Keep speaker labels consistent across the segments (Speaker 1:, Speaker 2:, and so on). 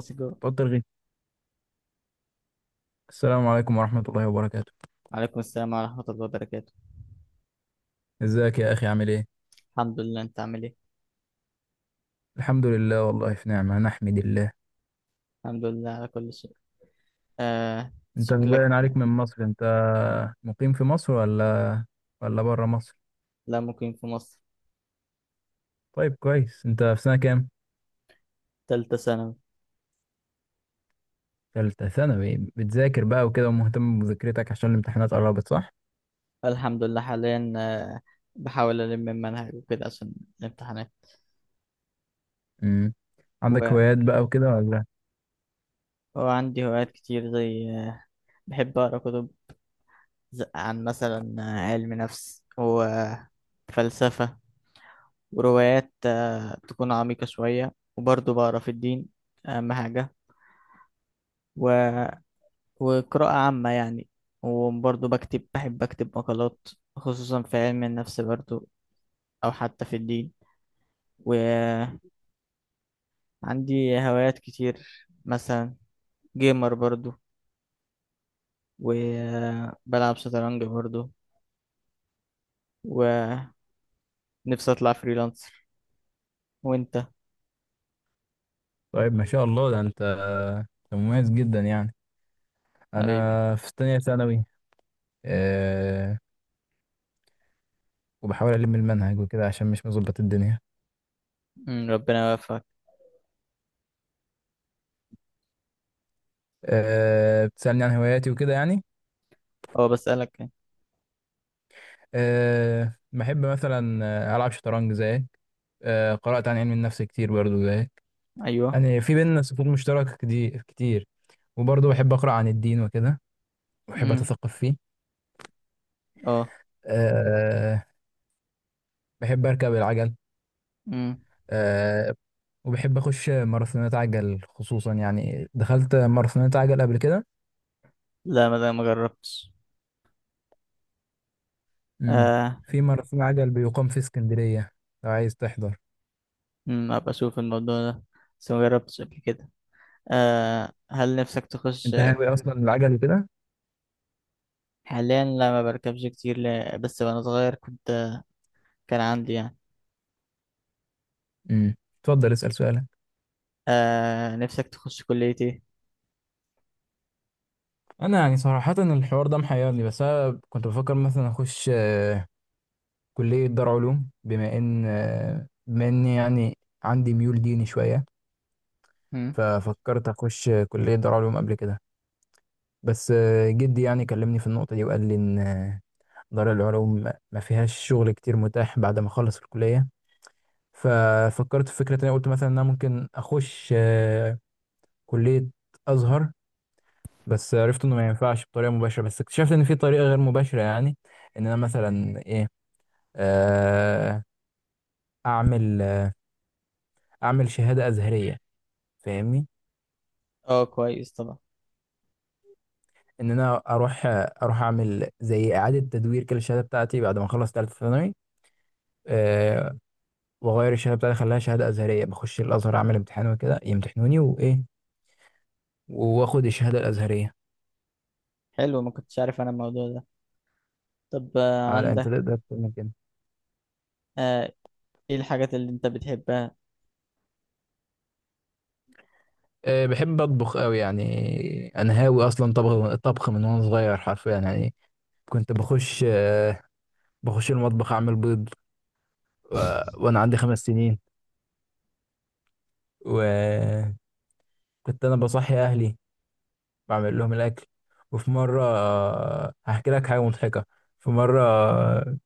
Speaker 1: السلام.
Speaker 2: بطل غي. السلام عليكم ورحمة الله وبركاته.
Speaker 1: عليكم السلام ورحمة الله وبركاته.
Speaker 2: ازيك يا أخي، عامل ايه؟
Speaker 1: الحمد لله، انت عامل ايه؟
Speaker 2: الحمد لله، والله في نعمة نحمد الله.
Speaker 1: الحمد لله على كل شيء. آه.
Speaker 2: انت
Speaker 1: شكلك.
Speaker 2: باين عليك من مصر انت. مقيم في مصر ولا بره مصر؟
Speaker 1: لا، مقيم في مصر.
Speaker 2: طيب كويس، انت في سنة كام؟
Speaker 1: تالتة ثانوي.
Speaker 2: تالتة ثانوي، بتذاكر بقى وكده ومهتم بمذاكرتك عشان الامتحانات قربت، صح؟
Speaker 1: الحمد لله حاليا آه. بحاول ألم المنهج وكده عشان الامتحانات.
Speaker 2: امم عندك
Speaker 1: و...
Speaker 2: هوايات بقى وكده ولا؟
Speaker 1: وعندي هوايات كتير زي بحب أقرأ كتب عن مثلا علم نفس وفلسفة، وروايات تكون عميقة شوية، وبرضه بقرأ في الدين، أهم حاجة. و... وقراءة عامة يعني. وبرضه بكتب، بحب أكتب مقالات خصوصا في علم النفس برضه، أو حتى في الدين. وعندي هوايات كتير مثلا جيمر برضه، وبلعب شطرنج برضه. ونفسي أطلع فريلانسر. وأنت؟
Speaker 2: طيب ما شاء الله، ده انت مميز جدا يعني.
Speaker 1: حبيبي.
Speaker 2: انا في تانية ثانوي. أه... وبحاول ألم المنهج وكده عشان مش مظبط الدنيا.
Speaker 1: ربنا يوفقك.
Speaker 2: آه، بتسألني عن هواياتي وكده يعني.
Speaker 1: أه بسألك يعني.
Speaker 2: آه، بحب مثلا ألعب شطرنج زيك. قرأت عن علم النفس كتير برضو زيك.
Speaker 1: أيوه.
Speaker 2: يعني في بيننا صفوف مشتركة كتير كتير. وبرضو بحب أقرأ عن الدين وكده، وبحب
Speaker 1: أمم،
Speaker 2: أتثقف فيه.
Speaker 1: أه.
Speaker 2: آه، بحب أركب العجل.
Speaker 1: أمم.
Speaker 2: آه، وبحب أخش ماراثونات عجل، خصوصا يعني دخلت ماراثونات عجل قبل كده.
Speaker 1: لا، ما ده ما جربتش.
Speaker 2: مم.
Speaker 1: آه.
Speaker 2: في ماراثون عجل بيقام في اسكندرية لو عايز تحضر.
Speaker 1: أبقى أشوف الموضوع ده، بس ما جربتش قبل كده. آه، هل نفسك تخش؟
Speaker 2: أنت هاوي أصلا العجل كده؟
Speaker 1: حاليا لا، ما بركبش كتير، لا، بس وانا صغير كنت، كان عندي يعني.
Speaker 2: مم. اتفضل اسأل سؤالك.
Speaker 1: آه، نفسك تخش كلية ايه؟
Speaker 2: انا يعني صراحة الحوار ده محيرني، بس انا كنت بفكر مثلا اخش كلية دار علوم، بما ان بما اني يعني عندي ميول ديني شوية.
Speaker 1: هم؟
Speaker 2: ففكرت اخش كلية دار علوم قبل كده. بس جدي يعني كلمني في النقطة دي وقال لي ان دار العلوم ما فيهاش شغل كتير متاح بعد ما اخلص الكلية. ففكرت في فكرة تانية، قلت مثلا ان انا ممكن اخش كلية ازهر. بس عرفت انه ما ينفعش بطريقه مباشره، بس اكتشفت ان في طريقه غير مباشره، يعني ان انا مثلا ايه، آه، اعمل اعمل شهاده ازهريه، فاهمني؟
Speaker 1: اه، كويس طبعا.
Speaker 2: ان انا اروح اعمل زي اعاده تدوير كده الشهاده بتاعتي بعد ما اخلص ثالثه ثانوي، آه، واغير الشهاده بتاعتي اخليها شهاده ازهريه، بخش الازهر اعمل امتحان وكده يمتحنوني وايه، واخد الشهاده الازهريه.
Speaker 1: حلو، ما كنتش عارف انا الموضوع ده. طب آه،
Speaker 2: اه لا، انت
Speaker 1: عندك
Speaker 2: تقدر تعمل كده.
Speaker 1: آه ايه الحاجات اللي انت بتحبها؟
Speaker 2: بحب اطبخ قوي يعني. انا هاوي اصلا طبخ طبخ من وانا صغير حرفيا يعني. كنت بخش المطبخ اعمل بيض وانا عندي 5 سنين. وكنت انا بصحي اهلي بعمل لهم الاكل. وفي مره، هحكي لك حاجه مضحكه. في مره،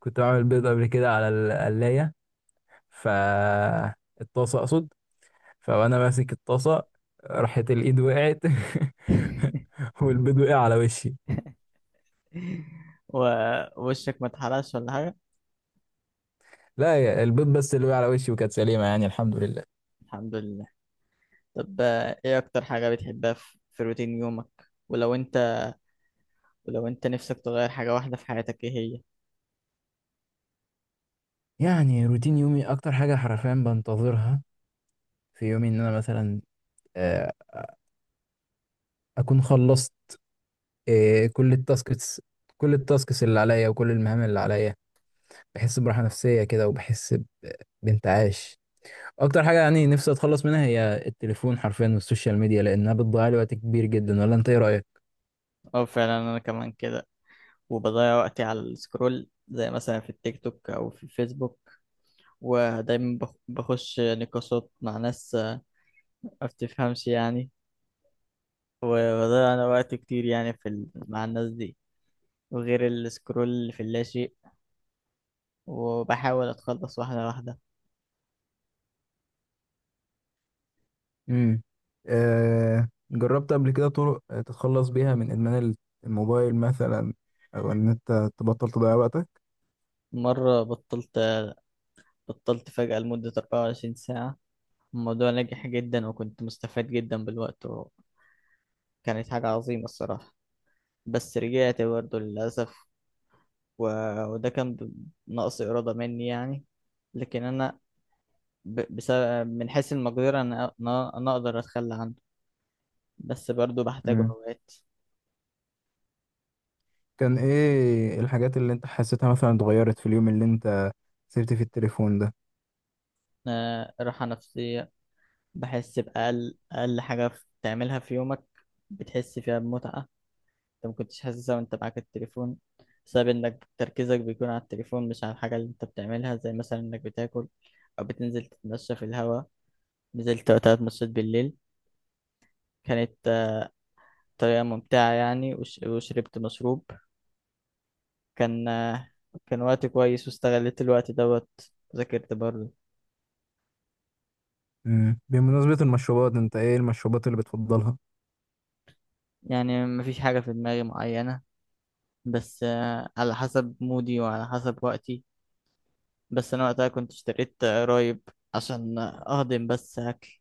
Speaker 2: كنت بعمل بيض قبل كده على القلايه، ف الطاسه اقصد. فانا ماسك الطاسه، راحت الايد وقعت والبيض وقع على وشي.
Speaker 1: ووشك ما اتحرقش ولا حاجة؟
Speaker 2: لا يا- البيض بس اللي وقع على وشي، وكانت سليمه يعني، الحمد لله.
Speaker 1: الحمد لله. طب آه ايه اكتر حاجة بتحبها في، في روتين يومك؟ ولو انت ولو انت نفسك تغير حاجة واحدة في حياتك، ايه هي؟
Speaker 2: يعني روتين يومي اكتر حاجه حرفيا بنتظرها في يومي ان انا مثلا آه، اكون خلصت كل التاسكس، كل التاسكس اللي عليا وكل المهام اللي عليا. بحس براحة نفسية كده، وبحس بانتعاش. اكتر حاجة يعني نفسي اتخلص منها هي التليفون حرفيا، والسوشيال ميديا، لانها بتضيع لي وقت كبير جدا. ولا انت ايه رأيك؟
Speaker 1: اه فعلا، انا كمان كده. وبضيع وقتي على السكرول زي مثلا في التيك توك أو في الفيسبوك. ودايما بخش نقاشات مع ناس ما بتفهمش يعني. وبضيع أنا وقت كتير يعني مع الناس دي. وغير السكرول في اللاشيء. وبحاول أتخلص واحدة واحدة.
Speaker 2: امم، جربت قبل كده طرق تتخلص بيها من إدمان الموبايل مثلا، أو إن أنت تبطل تضيع وقتك؟
Speaker 1: مرة بطلت، بطلت فجأة لمدة 24 ساعة. الموضوع نجح جدا وكنت مستفاد جدا بالوقت، وكانت حاجة عظيمة الصراحة. بس رجعت برضه للأسف. وده كان نقص إرادة مني يعني. لكن أنا بسبب من حيث المقدرة أنا أنا أقدر أتخلى عنه، بس برضو بحتاجه
Speaker 2: امم،
Speaker 1: أوقات.
Speaker 2: كان إيه الحاجات اللي أنت حسيتها مثلا اتغيرت في اليوم اللي أنت سبت فيه التليفون ده؟
Speaker 1: آه، راحة نفسية. بحس بأقل أقل حاجة تعملها في يومك بتحس فيها بمتعة، أنت مكنتش حاسسها وأنت معاك التليفون، بسبب إنك تركيزك بيكون على التليفون مش على الحاجة اللي أنت بتعملها، زي مثلا إنك بتاكل أو بتنزل تتمشى في الهوا. نزلت وقتها اتمشيت بالليل، كانت بطريقة ممتعة يعني. وشربت مشروب، كان آه، كان وقت كويس، واستغليت الوقت دوت. ذاكرت برضه.
Speaker 2: مم. بمناسبة المشروبات، انت ايه المشروبات اللي بتفضلها؟
Speaker 1: يعني مفيش حاجة في دماغي معينة، بس آه، على حسب مودي وعلى حسب وقتي. بس أنا وقتها كنت اشتريت قرايب عشان أهضم بس أكل،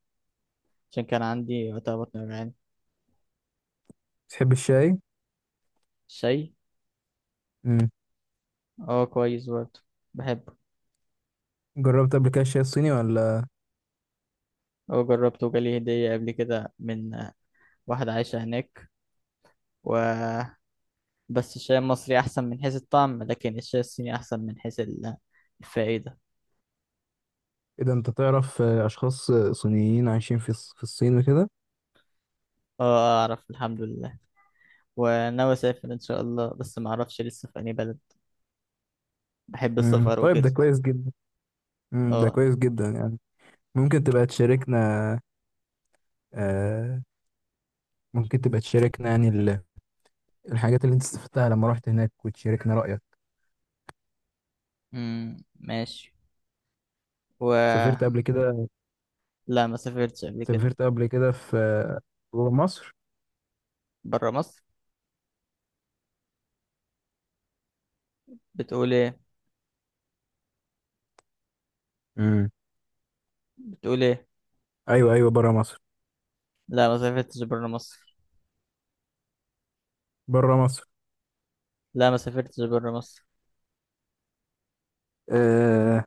Speaker 1: عشان كان عندي وقتها بطن وجعان.
Speaker 2: بتحب الشاي؟
Speaker 1: شاي.
Speaker 2: مم.
Speaker 1: اه كويس برضه، بحبه.
Speaker 2: جربت قبل كده الشاي الصيني ولا؟
Speaker 1: هو جربته وجالي هدية قبل كده من آه، واحدة عايشة هناك. و بس الشاي المصري أحسن من حيث الطعم، لكن الشاي الصيني أحسن من حيث الفائدة.
Speaker 2: ايه ده، انت تعرف اشخاص صينيين عايشين في الصين وكده؟
Speaker 1: آه، أعرف الحمد لله. وناوي أسافر إن شاء الله، بس ما أعرفش لسه في أي بلد. بحب
Speaker 2: مم.
Speaker 1: السفر
Speaker 2: طيب، ده
Speaker 1: وكده.
Speaker 2: كويس جدا. مم. ده
Speaker 1: أه.
Speaker 2: كويس جدا يعني. ممكن تبقى تشاركنا آه يعني الحاجات اللي انت استفدتها لما رحت هناك، وتشاركنا رأيك.
Speaker 1: أمم، ماشي. و
Speaker 2: سافرت قبل كده؟
Speaker 1: لا، ما سافرتش قبل كده.
Speaker 2: سافرت قبل كده في جوه مصر؟
Speaker 1: برا مصر. بتقول إيه؟
Speaker 2: مم.
Speaker 1: بتقول إيه؟
Speaker 2: ايوه ايوه، بره مصر.
Speaker 1: لا، ما سافرتش برا مصر.
Speaker 2: بره مصر؟
Speaker 1: لا، ما سافرتش برا مصر.
Speaker 2: آه،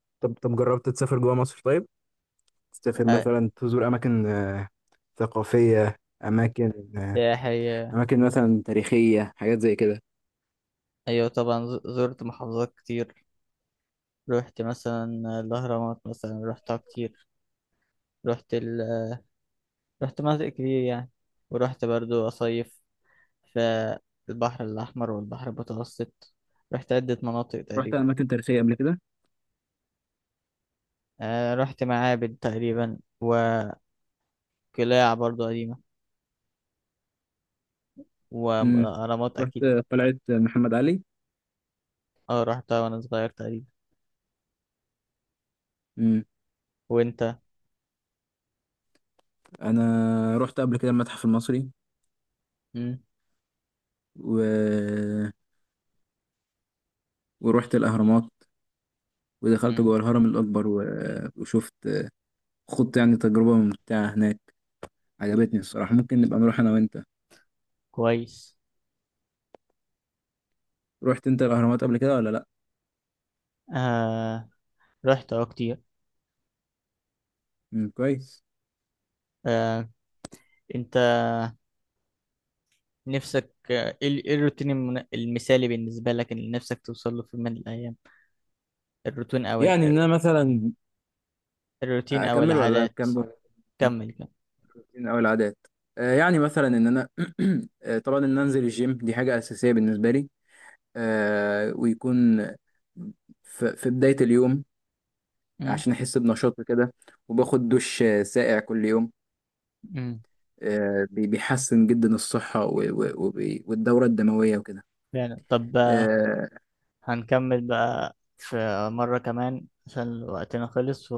Speaker 2: طب جربت تسافر جوه مصر؟ طيب، تسافر
Speaker 1: آه،
Speaker 2: مثلا تزور اماكن ثقافيه، اماكن
Speaker 1: سياحي آه،
Speaker 2: اماكن مثلا تاريخيه، حاجات زي كده؟
Speaker 1: أيوة طبعا. زرت محافظات كتير. رحت مثلا الأهرامات مثلا، رحتها كتير. رحت رحت مناطق كتير يعني. ورحت برضو أصيف في البحر الأحمر والبحر المتوسط. رحت عدة مناطق
Speaker 2: رحت
Speaker 1: تقريبا.
Speaker 2: اماكن تاريخيه قبل كده؟
Speaker 1: آه رحت معابد تقريبا، وقلاع برضو قديمة،
Speaker 2: امم.
Speaker 1: وأهرامات
Speaker 2: رحت
Speaker 1: أكيد.
Speaker 2: قلعه محمد علي؟
Speaker 1: اه رحتها وأنا صغير تقريبا.
Speaker 2: امم.
Speaker 1: وأنت؟
Speaker 2: انا رحت قبل كده المتحف المصري،
Speaker 1: مم.
Speaker 2: و... ورحت الاهرامات، ودخلت
Speaker 1: مم.
Speaker 2: جوه الهرم الاكبر، وشفت، خضت يعني تجربه ممتعه هناك، عجبتني الصراحه. ممكن نبقى نروح انا وانت.
Speaker 1: كويس.
Speaker 2: رحت انت الاهرامات قبل كده ولا لا؟
Speaker 1: آه رحت اه كتير.
Speaker 2: امم، كويس.
Speaker 1: آه، أنت نفسك آه، إيه إيه الروتين المثالي بالنسبة لك اللي نفسك توصل له في يوم من الأيام؟ الروتين أو
Speaker 2: يعني
Speaker 1: الع-
Speaker 2: ان انا مثلا
Speaker 1: الروتين أو
Speaker 2: اكمل ولا
Speaker 1: العادات.
Speaker 2: اكمل؟
Speaker 1: كمل كمل.
Speaker 2: مركزين قوي العادات. يعني مثلا ان انا طبعا ان انزل الجيم دي حاجه اساسيه بالنسبه لي. ويكون في بدايه اليوم،
Speaker 1: مم.
Speaker 2: عشان احس بنشاط كده. وباخد دش ساقع كل يوم.
Speaker 1: امم.
Speaker 2: بيحسن جدا الصحه والدوره الدمويه وكده.
Speaker 1: فعلا. طب آه،
Speaker 2: آه،
Speaker 1: هنكمل بقى في مرة كمان عشان وقتنا خلص.